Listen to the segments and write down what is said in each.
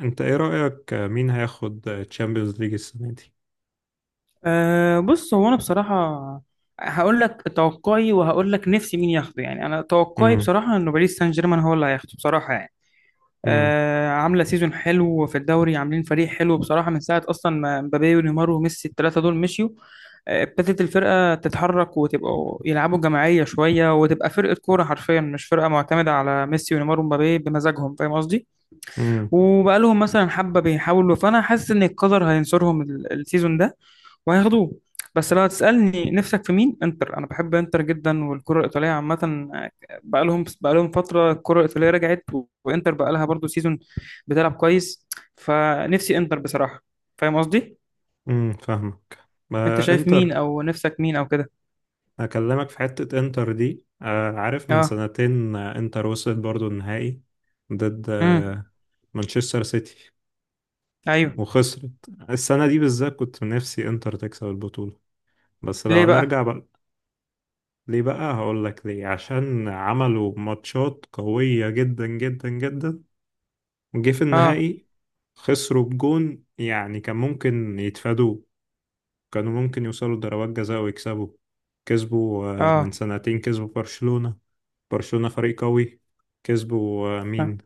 انت ايه رأيك مين هياخد تشامبيونز ليج السنة دي؟ أه، بص، هو انا بصراحه هقول لك توقعي، وهقول لك نفسي مين ياخده. يعني انا توقعي امم بصراحه انه باريس سان جيرمان هو اللي هياخده بصراحه يعني. امم أه، عامله سيزون حلو في الدوري، عاملين فريق حلو بصراحه من ساعه اصلا ما مبابي ونيمار وميسي الثلاثه دول مشيوا. ابتدت الفرقه تتحرك وتبقوا يلعبوا جماعيه شويه، وتبقى فرقه كوره حرفيا، مش فرقه معتمده على ميسي ونيمار ومبابي بمزاجهم، فاهم قصدي. امم وبقالهم مثلا حبة بيحاولوا، فأنا حاسس إن القدر هينصرهم السيزون ده وهياخدوه. بس لو هتسألني نفسك في مين، انتر. أنا بحب انتر جدا والكرة الإيطالية عامة. بقالهم فترة الكرة الإيطالية رجعت، وانتر بقالها برضو سيزون بتلعب كويس، فنفسي انتر بصراحة. فاهم قصدي؟ فاهمك. أنت ما شايف مين انتر. أو نفسك مين أو كده؟ هكلمك في حتة انتر دي، عارف، من أه. سنتين انتر وصلت برضو النهائي ضد أمم. مانشستر سيتي، أيوه. وخسرت. السنة دي بالذات كنت من نفسي انتر تكسب البطولة، بس ليه لو بقى؟ نرجع بقى ليه بقى. هقول لك ليه، عشان عملوا ماتشات قوية جدا جدا جدا، جه في أه. النهائي خسروا بجون، يعني كان ممكن يتفادوا. كانوا ممكن يوصلوا لضربات جزاء ويكسبوا. كسبوا من أه. سنتين كسبوا برشلونة. برشلونة فريق قوي. كسبوا امم. أه. مين؟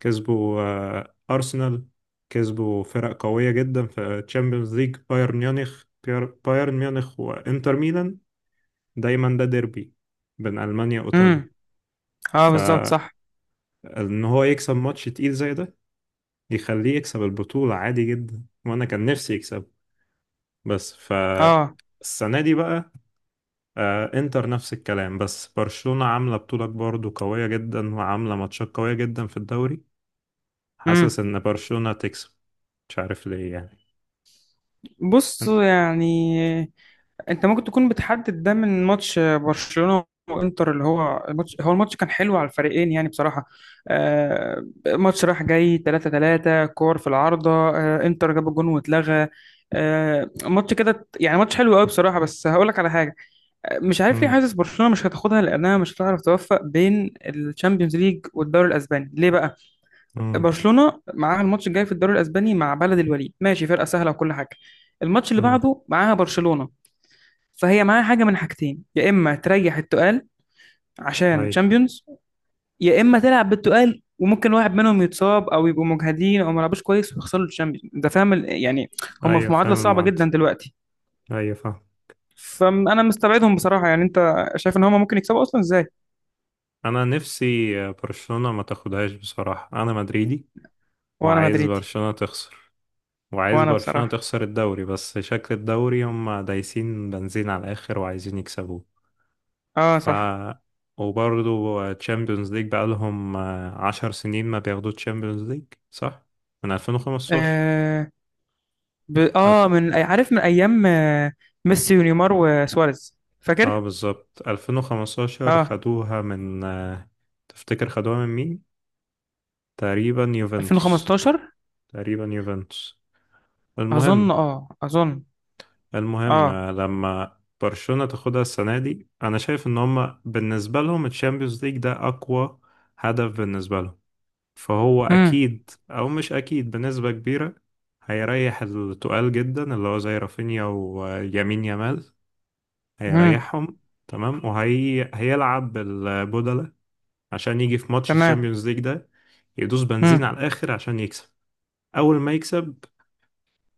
كسبوا أرسنال. كسبوا فرق قوية جدا في تشامبيونز ليج، بايرن ميونخ، بايرن ميونخ وإنتر ميلان. دايما ده ديربي بين ألمانيا أمم. وإيطاليا. أه بالظبط، فإن صح. هو يكسب ماتش تقيل زي ده، يخليه يكسب البطولة عادي جدا، وأنا كان نفسي يكسب، بس ف أه. السنة دي بقى، إنتر نفس الكلام. بس برشلونة عاملة بطولة برضه قوية جدا، وعاملة ماتشات قوية جدا في الدوري. حاسس أمم. إن برشلونة تكسب، مش عارف ليه يعني. بص يعني، انت ممكن تكون بتحدد ده من ماتش برشلونة وانتر، اللي هو الماتش كان حلو على الفريقين يعني بصراحة. ماتش راح جاي، 3-3، كور في العارضة، انتر جاب الجون واتلغى. ماتش كده يعني، ماتش حلو قوي بصراحة، بس هقول لك على حاجة. مش عارف ليه امم. حاسس برشلونة مش هتاخدها، لأنها مش هتعرف توفق بين الشامبيونز ليج والدوري الأسباني. ليه بقى؟ امم. برشلونة معاها الماتش الجاي في الدوري الأسباني مع بلد الوليد، ماشي، فرقة سهلة وكل حاجة. الماتش اللي امم. بعده معاها برشلونة. فهي معاها حاجه من حاجتين، يا اما تريح التقال أي، عشان أيوة. تشامبيونز، يا اما تلعب بالتقال وممكن واحد منهم يتصاب او يبقوا مجهدين او ما لعبوش كويس ويخسروا الشامبيونز. انت فاهم يعني. هم أيوه، في معادله فاهم صعبه المعدل. جدا دلوقتي. أيوة فاهم. فانا مستبعدهم بصراحه. يعني انت شايف ان هم ممكن يكسبوا اصلا ازاي؟ أنا نفسي برشلونة ما تاخدهاش، بصراحة أنا مدريدي، وانا وعايز مدريدي. برشلونة تخسر. وعايز وانا برشلونة بصراحه، تخسر الدوري، بس شكل الدوري هم دايسين بنزين على الآخر وعايزين يكسبوه. اه، ف صح. وبرضه تشامبيونز ليج بقالهم عشر سنين ما بياخدوا تشامبيونز ليج، صح؟ من 2015. اه, ب... ألف... آه من عارف، من ايام ميسي ونيمار وسواريز، اه، فاكر. بالظبط 2015 اه، خدوها من تفتكر خدوها من مين؟ تقريبا يوفنتوس. 2015، تقريبا يوفنتوس. اظن، المهم اظن. المهم اه. آه، لما برشلونة تاخدها السنة دي، أنا شايف إن هما بالنسبة لهم الشامبيونز ليج ده أقوى هدف بالنسبة لهم. فهو أكيد، أو مش أكيد بنسبة كبيرة، هيريح التقال جدا، اللي هو زي رافينيا ويمين يامال، امم. هيريحهم. تمام، وهي هيلعب بالبودلة عشان يجي في ماتش تمام. الشامبيونز ليج ده، يدوس بنزين امم. على الآخر عشان يكسب. أول ما يكسب،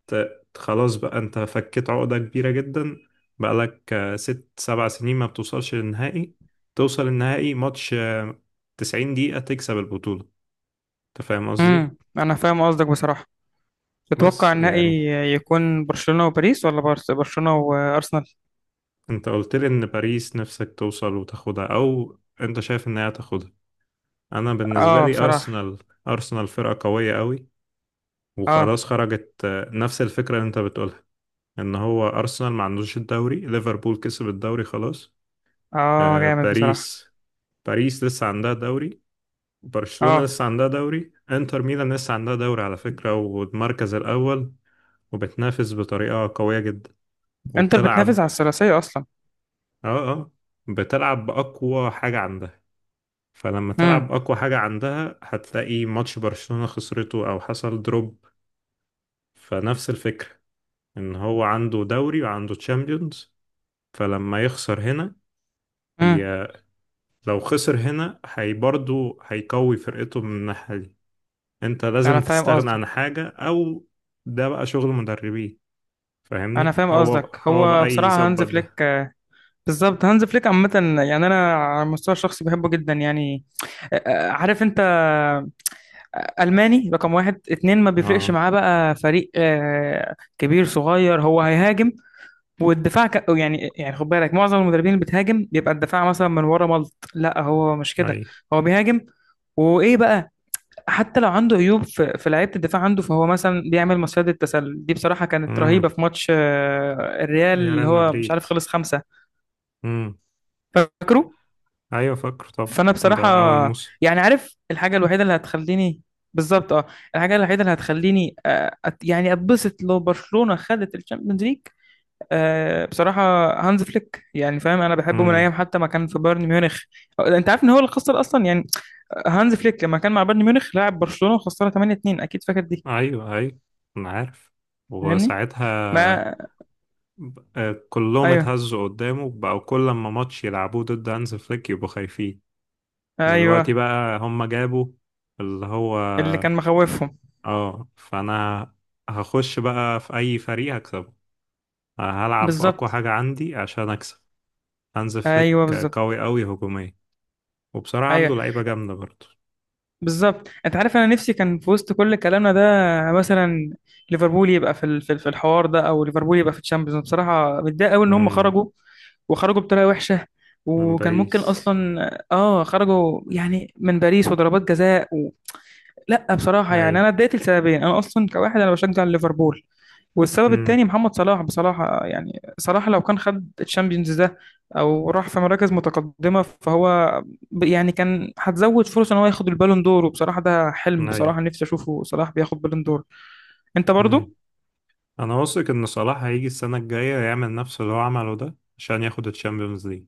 خلاص بقى، انت فكيت عقدة كبيرة جدا. بقالك ست سبع سنين ما بتوصلش للنهائي. توصل النهائي ماتش 90 دقيقة تكسب البطولة. انت فاهم قصدي، امم، انا فاهم قصدك بصراحه. تتوقع بس النهائي يعني. يكون برشلونه وباريس، ولا بارس برشلونه وارسنال؟ انت قلت لي ان باريس نفسك توصل وتاخدها، او انت شايف ان هي تاخدها. انا بالنسبة اه لي بصراحه. ارسنال. ارسنال فرقة قوية قوي، اه. وخلاص خرجت. نفس الفكرة اللي انت بتقولها، ان هو ارسنال ما عندوش الدوري، ليفربول كسب الدوري خلاص. اه جامد بصراحه. باريس، باريس لسه عندها دوري. برشلونة اه، لسه عندها دوري. انتر ميلان لسه عندها دوري على فكرة، والمركز الأول، وبتنافس بطريقة قوية جدا، انتر بتنافس وبتلعب. على الثلاثيه اصلا. اه، اه. بتلعب بأقوى حاجة عندها. فلما تلعب امم. بأقوى حاجة عندها هتلاقي ماتش برشلونة خسرته أو حصل دروب. فنفس الفكرة، إن هو عنده دوري وعنده تشامبيونز، فلما يخسر هنا، امم، ي... لو خسر هنا هي برضه هيقوي فرقته من الناحية دي. انت انا لازم فاهم تستغنى عن قصدك حاجة، او ده بقى شغل مدربين. انا فاهمني؟ فاهم هو بقى قصدك هو بقى هو بصراحه هانز يظبط فليك، ده. بالظبط هانز فليك عامه، يعني انا على المستوى الشخصي بحبه جدا يعني. عارف انت، ألماني رقم واحد اتنين، ما بيفرقش اه. معاه بقى فريق كبير صغير. هو هيهاجم، والدفاع يعني، يعني خد بالك، معظم المدربين اللي بتهاجم بيبقى الدفاع مثلا من ورا ملط. لا، هو مش كده. اي. هو بيهاجم. وايه بقى، حتى لو عنده عيوب في، في لعيبه الدفاع عنده، فهو مثلا بيعمل مصيدة التسلل دي. بصراحه كانت رهيبه امم. في ماتش الريال، يا اللي ريال هو مش مدريد. عارف خلص خمسه، امم. فاكره. ايوه فاكر طبعا. فانا بصراحه ده اول موسم. يعني، عارف الحاجه الوحيده اللي هتخليني، بالظبط، اه. الحاجه الوحيده اللي هتخليني يعني اتبسط، لو برشلونه خدت الشامبيونز ليج. أه بصراحة، هانز فليك يعني، فاهم، أنا بحبه من امم. أيام حتى ما كان في بايرن ميونخ. أنت عارف إن هو اللي خسر أصلا يعني، هانز فليك لما كان مع بايرن ميونخ لعب برشلونة وخسرها 8-2. أكيد فاكر دي، ايوه، ايوه، انا عارف فاهمني؟ وساعتها ما، كلهم أيوه، اتهزوا قدامه، بقوا كل لما ماتش يلعبوه ضد هانز فليك يبقوا خايفين. دلوقتي أيوه. بقى هم جابوا اللي هو، اللي كان مخوفهم. اه، فانا هخش بقى في اي فريق هكسبه، هلعب اقوى بالظبط. حاجة عندي عشان اكسب. هانز أيوه فليك بالظبط. قوي قوي هجوميا، وبصراحة أيوه عنده لعيبة جامدة برضه. بالظبط. انت عارف انا نفسي كان، في وسط كل كلامنا ده مثلا، ليفربول يبقى في في الحوار ده، او ليفربول يبقى في الشامبيونز. أنا بصراحه متضايق قوي ان هم امم. خرجوا، وخرجوا بطريقه وحشه، من وكان ممكن باريس. اصلا، اه، خرجوا يعني من باريس وضربات جزاء لا بصراحه اي. يعني، انا اتضايقت لسببين. انا اصلا كواحد انا بشجع ليفربول، والسبب امم. التاني محمد صلاح. بصراحة يعني صلاح، لو كان خد الشامبيونز ده أو راح في مراكز متقدمة، فهو يعني كان هتزود فرصة إن هو ياخد البالون دور. وبصراحة ده حلم، اي. بصراحة نفسي أشوفه صلاح بياخد بالون دور. أنت برضو؟ امم. انا واثق ان صلاح هيجي السنة الجاية يعمل نفس اللي هو عمله ده عشان ياخد الشامبيونز ليج.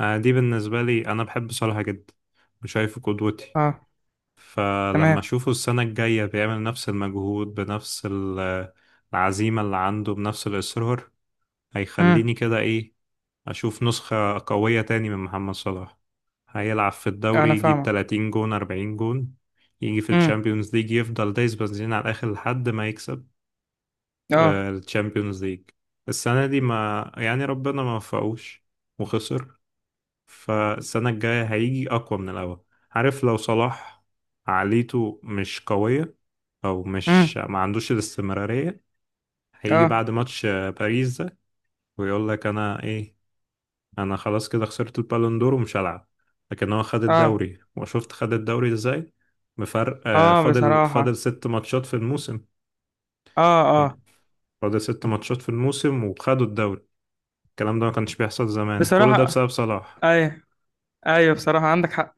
دي بالنسبة لي، انا بحب صلاح جدا وشايفه قدوتي. أه. فلما تمام. أشوفه السنة الجاية بيعمل نفس المجهود بنفس العزيمة اللي عنده، بنفس الإصرار، أمم، هيخليني كده إيه. أشوف نسخة قوية تاني من محمد صلاح، هيلعب في أنا الدوري يجيب فاهمك. 30 جون 40 جون. يجي في أمم. الشامبيونز ليج يفضل دايس بنزين على الآخر لحد ما يكسب أه. الشامبيونز ليج. السنة دي، ما يعني، ربنا ما وفقوش، وخسر. فالسنة الجاية هيجي أقوى من الأول. عارف لو صلاح عقليته مش قوية، او مش أمم. ما عندوش الاستمرارية، هيجي أه. بعد ماتش باريس ده ويقول لك انا ايه. انا خلاص كده خسرت البالون دور ومش هلعب. لكن هو خد أه. الدوري، وشفت خد الدوري ازاي. بفرق أه فاضل بصراحة. فاضل ست ماتشات في الموسم، أه. يعني، أه فاضل ست ماتشات في الموسم وخدوا الدوري. الكلام ده ما كانش بيحصل زمان، كل ده بصراحة. بسبب صلاح. أي، ايوه، بصراحة عندك حق.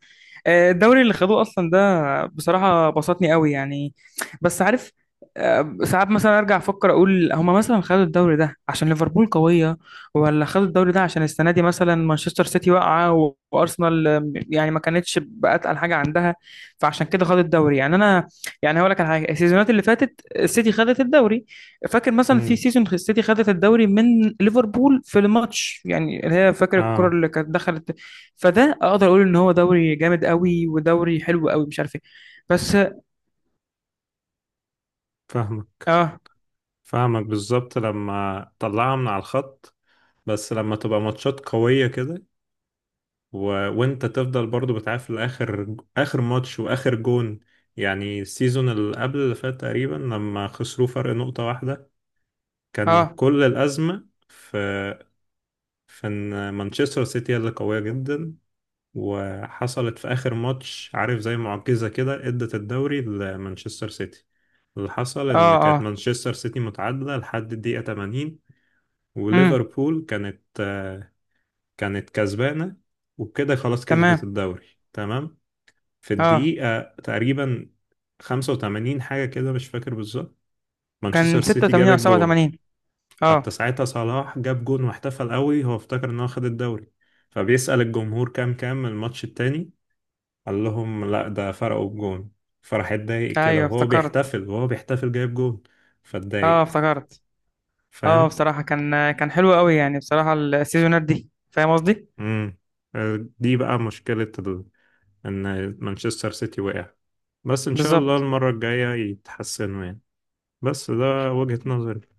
الدوري اللي خدوه اصلا ده، بصراحة بسطني قوي يعني. بس عارف، ساعات مثلا ارجع افكر، اقول هما مثلا خدوا الدوري ده عشان ليفربول قوية، ولا خدوا الدوري ده عشان السنة دي مثلا مانشستر سيتي واقعة، وارسنال يعني ما كانتش بأتقل حاجة عندها. فعشان كده خدوا الدوري يعني. انا يعني هقول لك على حاجة، السيزونات اللي فاتت السيتي خدت الدوري. فاكر مثلا في امم. سيزون، السيتي خدت الدوري من ليفربول في الماتش، يعني اللي هي، فاكر الكرة اه. اللي كانت دخلت. فده اقدر اقول ان هو دوري جامد قوي ودوري حلو قوي، مش عارف ايه. بس، فاهمك. اه، فاهمك بالظبط لما طلعها من على الخط. بس لما تبقى ماتشات قوية كده، و... وانت تفضل برضو بتعافر لاخر اخر ماتش واخر جون. يعني السيزون اللي قبل اللي فات تقريبا لما خسروا فرق نقطة واحدة، كان اه، كل الأزمة في ان مانشستر سيتي اللي قوية جدا، وحصلت في آخر ماتش، عارف زي معجزة كده، ادت الدوري لمانشستر سيتي. اللي حصل ان اه، كانت اه، مانشستر سيتي متعادلة لحد الدقيقة 80، امم، وليفربول كانت كسبانة، وبكده خلاص كسبت تمام. الدوري. تمام. في اه، الدقيقة تقريبا 85 حاجة كده، مش فاكر بالظبط، مانشستر كان سيتي جاب 86 او الجون. 87. حتى اه، ساعتها صلاح جاب جون واحتفل قوي، هو افتكر ان هو خد الدوري. فبيسأل الجمهور كام الماتش التاني. قال لهم لا، ده فرقوا بجون. فراح اتضايق كده ايوه وهو افتكرت. بيحتفل وهو بيحتفل جايب جون. اه فاتضايق. افتكرت. اه فاهم. بصراحة، كان حلو قوي يعني بصراحة السيزونات دي، فاهم قصدي. امم. دي بقى مشكلة ان مانشستر سيتي وقع. بس ان شاء الله بالظبط المرة الجاية يتحسنوا يعني. بس ده وجهة نظري.